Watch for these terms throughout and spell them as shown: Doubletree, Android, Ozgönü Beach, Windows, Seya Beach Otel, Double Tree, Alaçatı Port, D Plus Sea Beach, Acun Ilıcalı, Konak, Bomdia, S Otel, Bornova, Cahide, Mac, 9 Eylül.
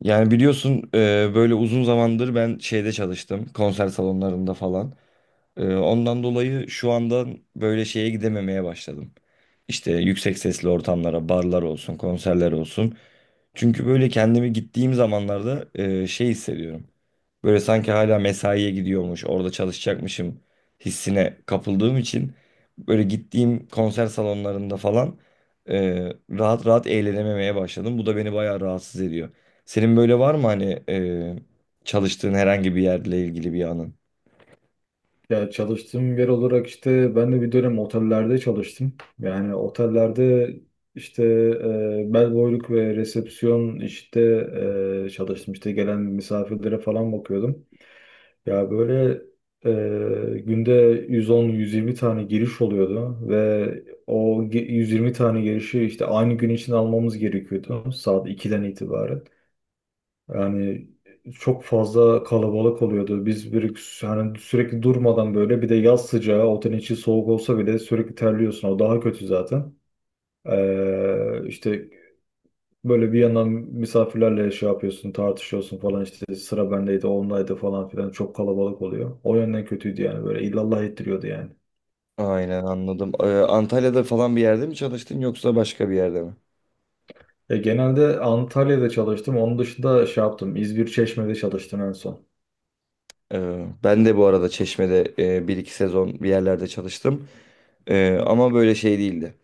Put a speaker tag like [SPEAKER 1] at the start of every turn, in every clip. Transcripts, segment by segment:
[SPEAKER 1] Yani biliyorsun böyle uzun zamandır ben şeyde çalıştım konser salonlarında falan. Ondan dolayı şu anda böyle şeye gidememeye başladım. İşte yüksek sesli ortamlara, barlar olsun, konserler olsun. Çünkü böyle kendimi gittiğim zamanlarda şey hissediyorum. Böyle sanki hala mesaiye gidiyormuş, orada çalışacakmışım hissine kapıldığım için böyle gittiğim konser salonlarında falan e, rahat rahat eğlenememeye başladım. Bu da beni bayağı rahatsız ediyor. Senin böyle var mı hani çalıştığın herhangi bir yerle ilgili bir anın?
[SPEAKER 2] Ya çalıştığım yer olarak işte ben de bir dönem otellerde çalıştım. Yani otellerde işte bel boyluk ve resepsiyon işte çalıştım. İşte gelen misafirlere falan bakıyordum. Ya böyle günde 110 120 tane giriş oluyordu ve 120 tane girişi işte aynı gün için almamız gerekiyordu saat 2'den itibaren. Yani çok fazla kalabalık oluyordu. Biz bir hani sürekli durmadan böyle bir de yaz sıcağı otelin içi soğuk olsa bile sürekli terliyorsun. O daha kötü zaten. İşte böyle bir yandan misafirlerle şey yapıyorsun, tartışıyorsun falan işte sıra bendeydi, ondaydı falan filan çok kalabalık oluyor. O yönden kötüydü yani böyle illallah ettiriyordu yani.
[SPEAKER 1] Aynen, anladım. Antalya'da falan bir yerde mi çalıştın yoksa başka bir yerde mi?
[SPEAKER 2] Genelde Antalya'da çalıştım. Onun dışında şey yaptım. İzmir Çeşme'de çalıştım en son.
[SPEAKER 1] Ben de bu arada Çeşme'de bir iki sezon bir yerlerde çalıştım. Ama böyle şey değildi.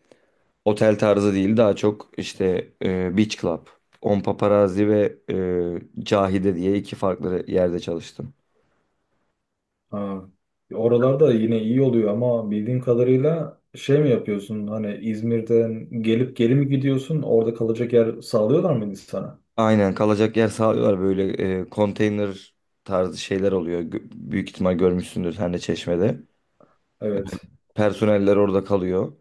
[SPEAKER 1] Otel tarzı değil, daha çok işte Beach Club, On Paparazzi ve Cahide diye iki farklı yerde çalıştım.
[SPEAKER 2] Ha. Oralarda yine iyi oluyor ama bildiğim kadarıyla şey mi yapıyorsun? Hani İzmir'den gelip geri mi gidiyorsun? Orada kalacak yer sağlıyorlar mıydı sana?
[SPEAKER 1] Aynen, kalacak yer sağlıyorlar, böyle konteyner tarzı şeyler oluyor. Büyük ihtimal görmüşsündür sen de Çeşme'de.
[SPEAKER 2] Evet.
[SPEAKER 1] Personeller orada kalıyor.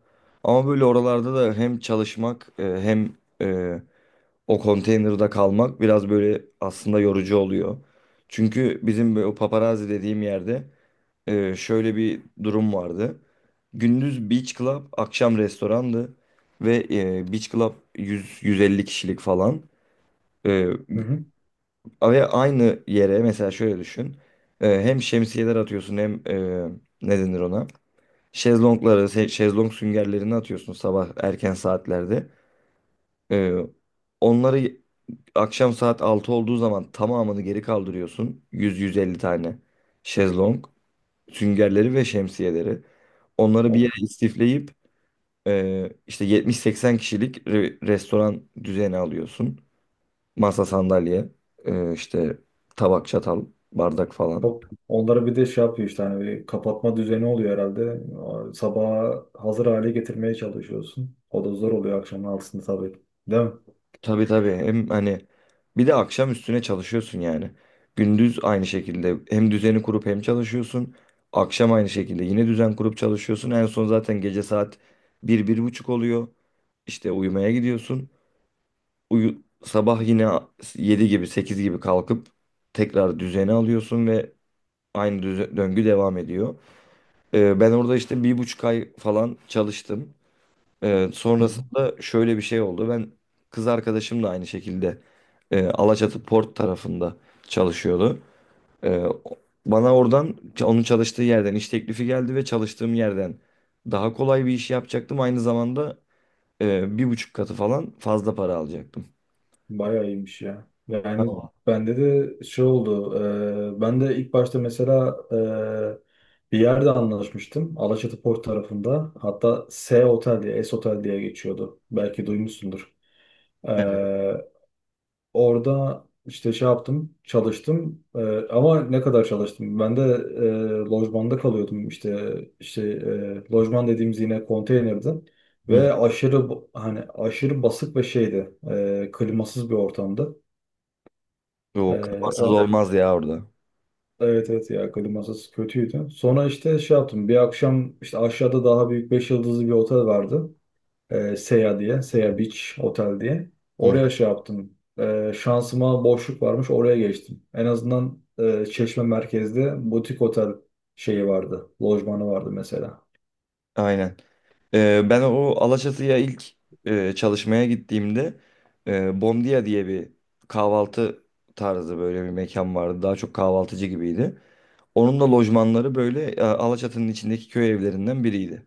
[SPEAKER 1] Ama böyle oralarda da hem çalışmak hem e, o konteynerda kalmak biraz böyle aslında yorucu oluyor. Çünkü bizim o paparazzi dediğim yerde şöyle bir durum vardı. Gündüz beach club, akşam restorandı ve beach club 100-150 kişilik falan. E,
[SPEAKER 2] Hı hı.
[SPEAKER 1] Ve aynı yere mesela şöyle düşün. Hem şemsiyeler atıyorsun hem ne denir ona? Şezlongları, şezlong süngerlerini atıyorsun sabah erken saatlerde. Ee, Onları akşam saat 6 olduğu zaman tamamını geri kaldırıyorsun. 100-150 tane şezlong, süngerleri ve şemsiyeleri. Onları bir
[SPEAKER 2] Of,
[SPEAKER 1] yere istifleyip işte 70-80 kişilik restoran düzeni alıyorsun. Masa, sandalye, işte tabak, çatal, bardak falan.
[SPEAKER 2] çok. Onlara bir de şey yapıyor işte hani bir kapatma düzeni oluyor herhalde. Sabaha hazır hale getirmeye çalışıyorsun. O da zor oluyor akşamın 6'sında tabii. Değil mi?
[SPEAKER 1] Tabii, tabii, hem hani bir de akşam üstüne çalışıyorsun yani. Gündüz aynı şekilde hem düzeni kurup hem çalışıyorsun. Akşam aynı şekilde yine düzen kurup çalışıyorsun. En son zaten gece saat bir, bir buçuk oluyor. İşte uyumaya gidiyorsun. Uyu, sabah yine 7 gibi 8 gibi kalkıp tekrar düzeni alıyorsun ve aynı döngü devam ediyor. Ben orada işte bir buçuk ay falan çalıştım.
[SPEAKER 2] Hı hı.
[SPEAKER 1] Sonrasında şöyle bir şey oldu. Ben kız arkadaşım da aynı şekilde Alaçatı Port tarafında çalışıyordu. Ee, o- Bana oradan onun çalıştığı yerden iş teklifi geldi ve çalıştığım yerden daha kolay bir iş yapacaktım. Aynı zamanda bir buçuk katı falan fazla para alacaktım.
[SPEAKER 2] Bayağı iyiymiş ya. Yani
[SPEAKER 1] Tamam.
[SPEAKER 2] bende de şey oldu. Ben de ilk başta mesela bir yerde anlaşmıştım. Alaçatı Port tarafında. Hatta S Otel diye, S Otel diye geçiyordu. Belki duymuşsundur. E, Orada işte şey yaptım, çalıştım. Ama ne kadar çalıştım? Ben de lojmanda kalıyordum. İşte lojman dediğimiz yine konteynerdi.
[SPEAKER 1] Hı.
[SPEAKER 2] Ve aşırı hani aşırı basık ve şeydi. Klimasız bir ortamdı.
[SPEAKER 1] Yok,
[SPEAKER 2] Ee,
[SPEAKER 1] kafasız
[SPEAKER 2] o,
[SPEAKER 1] olmaz ya orada.
[SPEAKER 2] evet, evet, ya klimasız kötüydü. Sonra işte şey yaptım. Bir akşam işte aşağıda daha büyük 5 yıldızlı bir otel vardı. Seya diye. Seya Beach Otel diye.
[SPEAKER 1] Hı.
[SPEAKER 2] Oraya şey yaptım. Şansıma boşluk varmış. Oraya geçtim. En azından Çeşme merkezde butik otel şeyi vardı. Lojmanı vardı mesela.
[SPEAKER 1] Aynen. Ben o Alaçatı'ya ilk çalışmaya gittiğimde Bomdia diye bir kahvaltı tarzı böyle bir mekan vardı. Daha çok kahvaltıcı gibiydi. Onun da lojmanları böyle Alaçatı'nın içindeki köy evlerinden biriydi.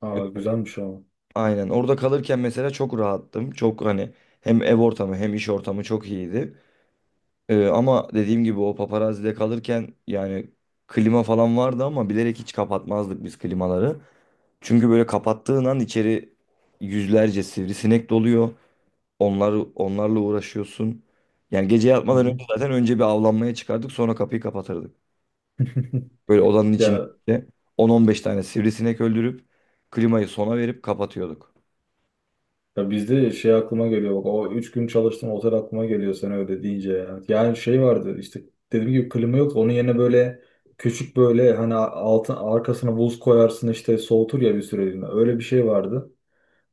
[SPEAKER 2] Aa, güzelmiş ama.
[SPEAKER 1] Aynen, orada kalırken mesela çok rahattım. Çok hani hem ev ortamı hem iş ortamı çok iyiydi. Ama dediğim gibi o paparazide kalırken yani klima falan vardı ama bilerek hiç kapatmazdık biz klimaları. Çünkü böyle kapattığın an içeri yüzlerce sivrisinek doluyor. Onlarla uğraşıyorsun. Yani gece
[SPEAKER 2] Hı
[SPEAKER 1] yatmadan
[SPEAKER 2] hı.
[SPEAKER 1] önce zaten önce bir avlanmaya çıkardık sonra kapıyı kapatırdık. Böyle odanın içinde
[SPEAKER 2] Ya
[SPEAKER 1] 10-15 tane sivrisinek öldürüp klimayı sona verip kapatıyorduk.
[SPEAKER 2] Ya bizde şey aklıma geliyor, bak o 3 gün çalıştım otel aklıma geliyor sen öyle deyince ya. Yani şey vardı işte dediğim gibi klima yoktu, onun yerine böyle küçük böyle hani altın arkasına buz koyarsın işte soğutur ya bir süreliğine, öyle bir şey vardı.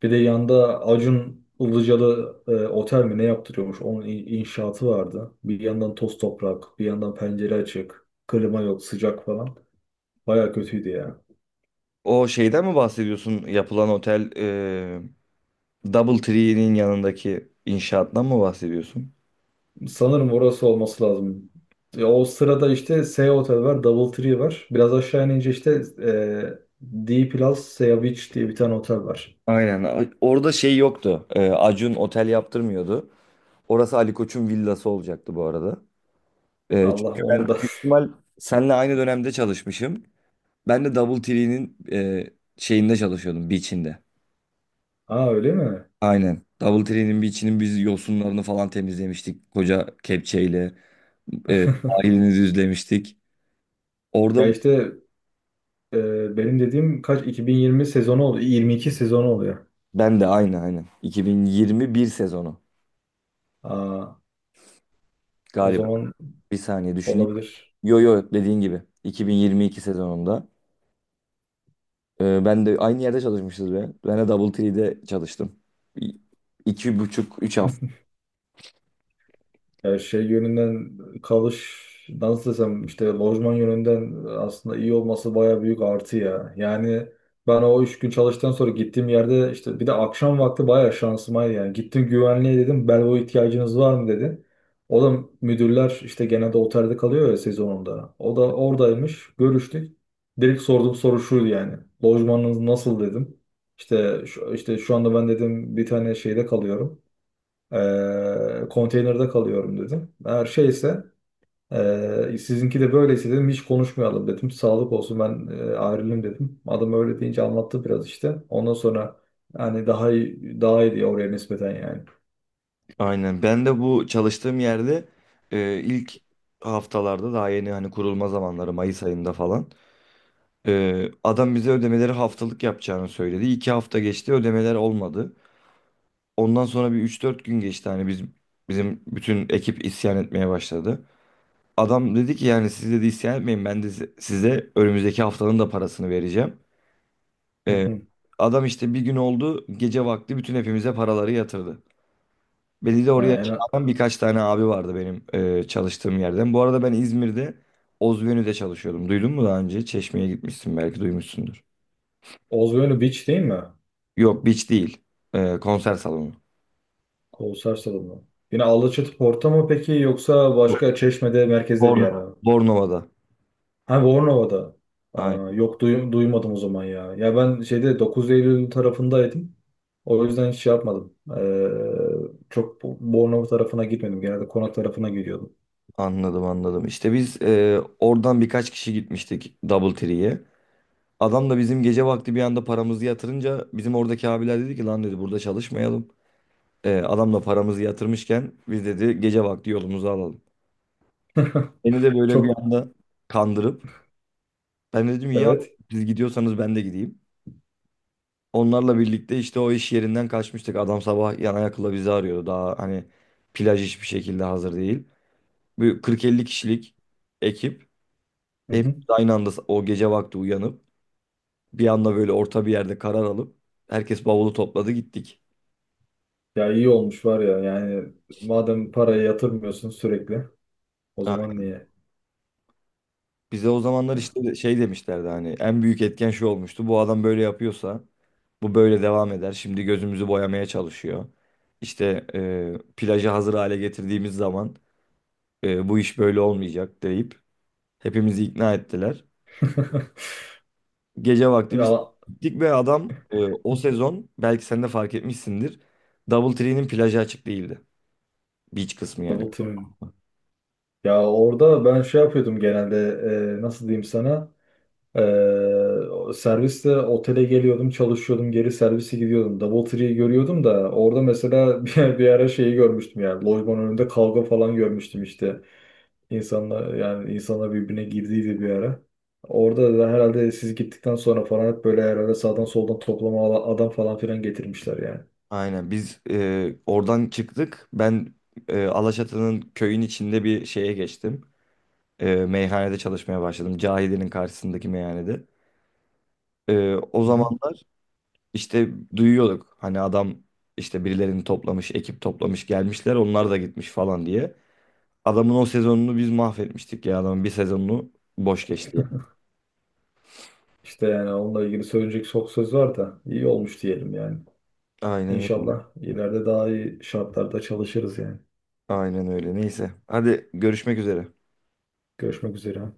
[SPEAKER 2] Bir de yanda Acun Ilıcalı otel mi ne yaptırıyormuş, onun inşaatı vardı. Bir yandan toz toprak bir yandan pencere açık klima yok sıcak falan baya kötüydü ya.
[SPEAKER 1] O şeyden mi bahsediyorsun? Yapılan otel Doubletree'nin yanındaki inşaattan mı bahsediyorsun?
[SPEAKER 2] Sanırım orası olması lazım. Ya o sırada işte S Hotel var, Double Tree var. Biraz aşağı inince işte D Plus Sea Beach diye bir tane otel var.
[SPEAKER 1] Aynen. Orada şey yoktu. Acun otel yaptırmıyordu. Orası Ali Koç'un villası olacaktı bu arada.
[SPEAKER 2] Allah
[SPEAKER 1] Çünkü ben
[SPEAKER 2] onun da.
[SPEAKER 1] büyük ihtimal seninle aynı dönemde çalışmışım. Ben de Double Tree'nin şeyinde çalışıyordum, beach'inde.
[SPEAKER 2] Ha, öyle mi?
[SPEAKER 1] Aynen. Double Tree'nin beach'inin biz yosunlarını falan temizlemiştik. Koca kepçeyle. E, Sahilini düzlemiştik.
[SPEAKER 2] Ya
[SPEAKER 1] Orada
[SPEAKER 2] işte benim dediğim kaç, 2020 sezonu oluyor. 22 sezonu oluyor.
[SPEAKER 1] ben de aynı aynen. 2021 sezonu
[SPEAKER 2] Aa, o
[SPEAKER 1] galiba.
[SPEAKER 2] zaman
[SPEAKER 1] Bir saniye düşüneyim.
[SPEAKER 2] olabilir.
[SPEAKER 1] Yo yo, dediğin gibi. 2022 sezonunda. Ben de aynı yerde çalışmışız be. Ben de Double Tree'de çalıştım. İ- İki buçuk, üç hafta.
[SPEAKER 2] Yani şey yönünden kalış nasıl desem işte lojman yönünden aslında iyi olması baya büyük artı ya. Yani ben o 3 gün çalıştıktan sonra gittiğim yerde işte bir de akşam vakti baya şansımaydı yani. Gittim güvenliğe dedim belbo ihtiyacınız var mı dedi. O da müdürler işte genelde otelde kalıyor ya sezonunda. O da oradaymış, görüştük. Direkt sorduğum soru şuydu yani. Lojmanınız nasıl dedim. İşte şu, işte şu anda ben dedim bir tane şeyde kalıyorum. Konteynerde kalıyorum dedim. Her şeyse sizinki de böyleyse dedim hiç konuşmayalım dedim. Sağlık olsun ben ayrılayım dedim. Adam öyle deyince anlattı biraz işte. Ondan sonra yani daha iyi, daha iyi diye oraya nispeten yani.
[SPEAKER 1] Aynen. Ben de bu çalıştığım yerde ilk haftalarda daha yeni hani kurulma zamanları Mayıs ayında falan. Adam bize ödemeleri haftalık yapacağını söyledi. İki hafta geçti, ödemeler olmadı. Ondan sonra bir üç dört gün geçti, bizim bütün ekip isyan etmeye başladı. Adam dedi ki yani siz dedi isyan etmeyin ben de size önümüzdeki haftanın da parasını vereceğim.
[SPEAKER 2] Hı
[SPEAKER 1] Ee,
[SPEAKER 2] hı.
[SPEAKER 1] Adam işte bir gün oldu gece vakti bütün hepimize paraları yatırdı. Beni de
[SPEAKER 2] Ha,
[SPEAKER 1] oraya
[SPEAKER 2] en
[SPEAKER 1] çağıran birkaç tane abi vardı benim çalıştığım yerden. Bu arada ben İzmir'de Ozvenü'de çalışıyordum. Duydun mu daha önce? Çeşme'ye gitmişsin, belki duymuşsundur.
[SPEAKER 2] Ozgönü Beach değil mi?
[SPEAKER 1] Yok, beach değil. Konser salonu.
[SPEAKER 2] Kolossal salonu. Yine Alaçatı Port'a mı peki yoksa
[SPEAKER 1] Yok.
[SPEAKER 2] başka Çeşme'de merkezde bir
[SPEAKER 1] Born
[SPEAKER 2] yer mi?
[SPEAKER 1] Bornova'da.
[SPEAKER 2] Abi Bornova'da. Aa,
[SPEAKER 1] Aynen.
[SPEAKER 2] yok duymadım o zaman ya. Ya ben şeyde 9 Eylül tarafındaydım. O yüzden hiç şey yapmadım. Çok Bornova tarafına gitmedim. Genelde Konak tarafına gidiyordum.
[SPEAKER 1] Anladım, anladım. İşte biz oradan birkaç kişi gitmiştik Double Tree'ye. Adam da bizim gece vakti bir anda paramızı yatırınca bizim oradaki abiler dedi ki lan dedi burada çalışmayalım. Adamla paramızı yatırmışken biz dedi gece vakti yolumuzu alalım. Beni de böyle bir
[SPEAKER 2] Çok
[SPEAKER 1] anda kandırıp ben dedim ya
[SPEAKER 2] evet.
[SPEAKER 1] siz gidiyorsanız ben de gideyim. Onlarla birlikte işte o iş yerinden kaçmıştık. Adam sabah yana yakıla bizi arıyordu. Daha hani plaj hiçbir şekilde hazır değil. Bir 40-50 kişilik ekip
[SPEAKER 2] Hı hı.
[SPEAKER 1] hepimiz aynı anda o gece vakti uyanıp bir anda böyle orta bir yerde karar alıp herkes bavulu topladı, gittik.
[SPEAKER 2] Ya iyi olmuş var ya. Yani madem parayı yatırmıyorsun sürekli o zaman niye?
[SPEAKER 1] Bize o zamanlar işte şey demişlerdi, hani en büyük etken şu olmuştu. Bu adam böyle yapıyorsa bu böyle devam eder. Şimdi gözümüzü boyamaya çalışıyor. İşte plajı hazır hale getirdiğimiz zaman bu iş böyle olmayacak deyip hepimizi ikna ettiler. Gece vakti biz
[SPEAKER 2] Ya
[SPEAKER 1] gittik ve adam o sezon belki sen de fark etmişsindir. Double Tree'nin plajı açık değildi. Beach kısmı yani.
[SPEAKER 2] double team'im. Ya orada ben şey yapıyordum genelde nasıl diyeyim sana? Ee, Serviste otele geliyordum, çalışıyordum, geri servise gidiyordum. DoubleTree'yi görüyordum da orada mesela bir ara şeyi görmüştüm yani. Lojmanın önünde kavga falan görmüştüm işte. İnsanlar yani insanlar birbirine girdiydi bir ara. Orada da herhalde siz gittikten sonra falan hep böyle herhalde sağdan soldan toplama adam falan filan getirmişler yani.
[SPEAKER 1] Aynen, biz oradan çıktık. Ben Alaçatı'nın köyün içinde bir şeye geçtim. Meyhanede çalışmaya başladım. Cahide'nin karşısındaki meyhanede. O
[SPEAKER 2] Hı.
[SPEAKER 1] zamanlar işte duyuyorduk. Hani adam işte birilerini toplamış, ekip toplamış gelmişler. Onlar da gitmiş falan diye. Adamın o sezonunu biz mahvetmiştik ya. Adamın bir sezonunu boş geçti ya.
[SPEAKER 2] İşte yani onunla ilgili söyleyecek çok söz var da iyi olmuş diyelim yani.
[SPEAKER 1] Aynen,
[SPEAKER 2] İnşallah ileride daha iyi şartlarda çalışırız yani.
[SPEAKER 1] aynen öyle. Neyse. Hadi, görüşmek üzere.
[SPEAKER 2] Görüşmek üzere.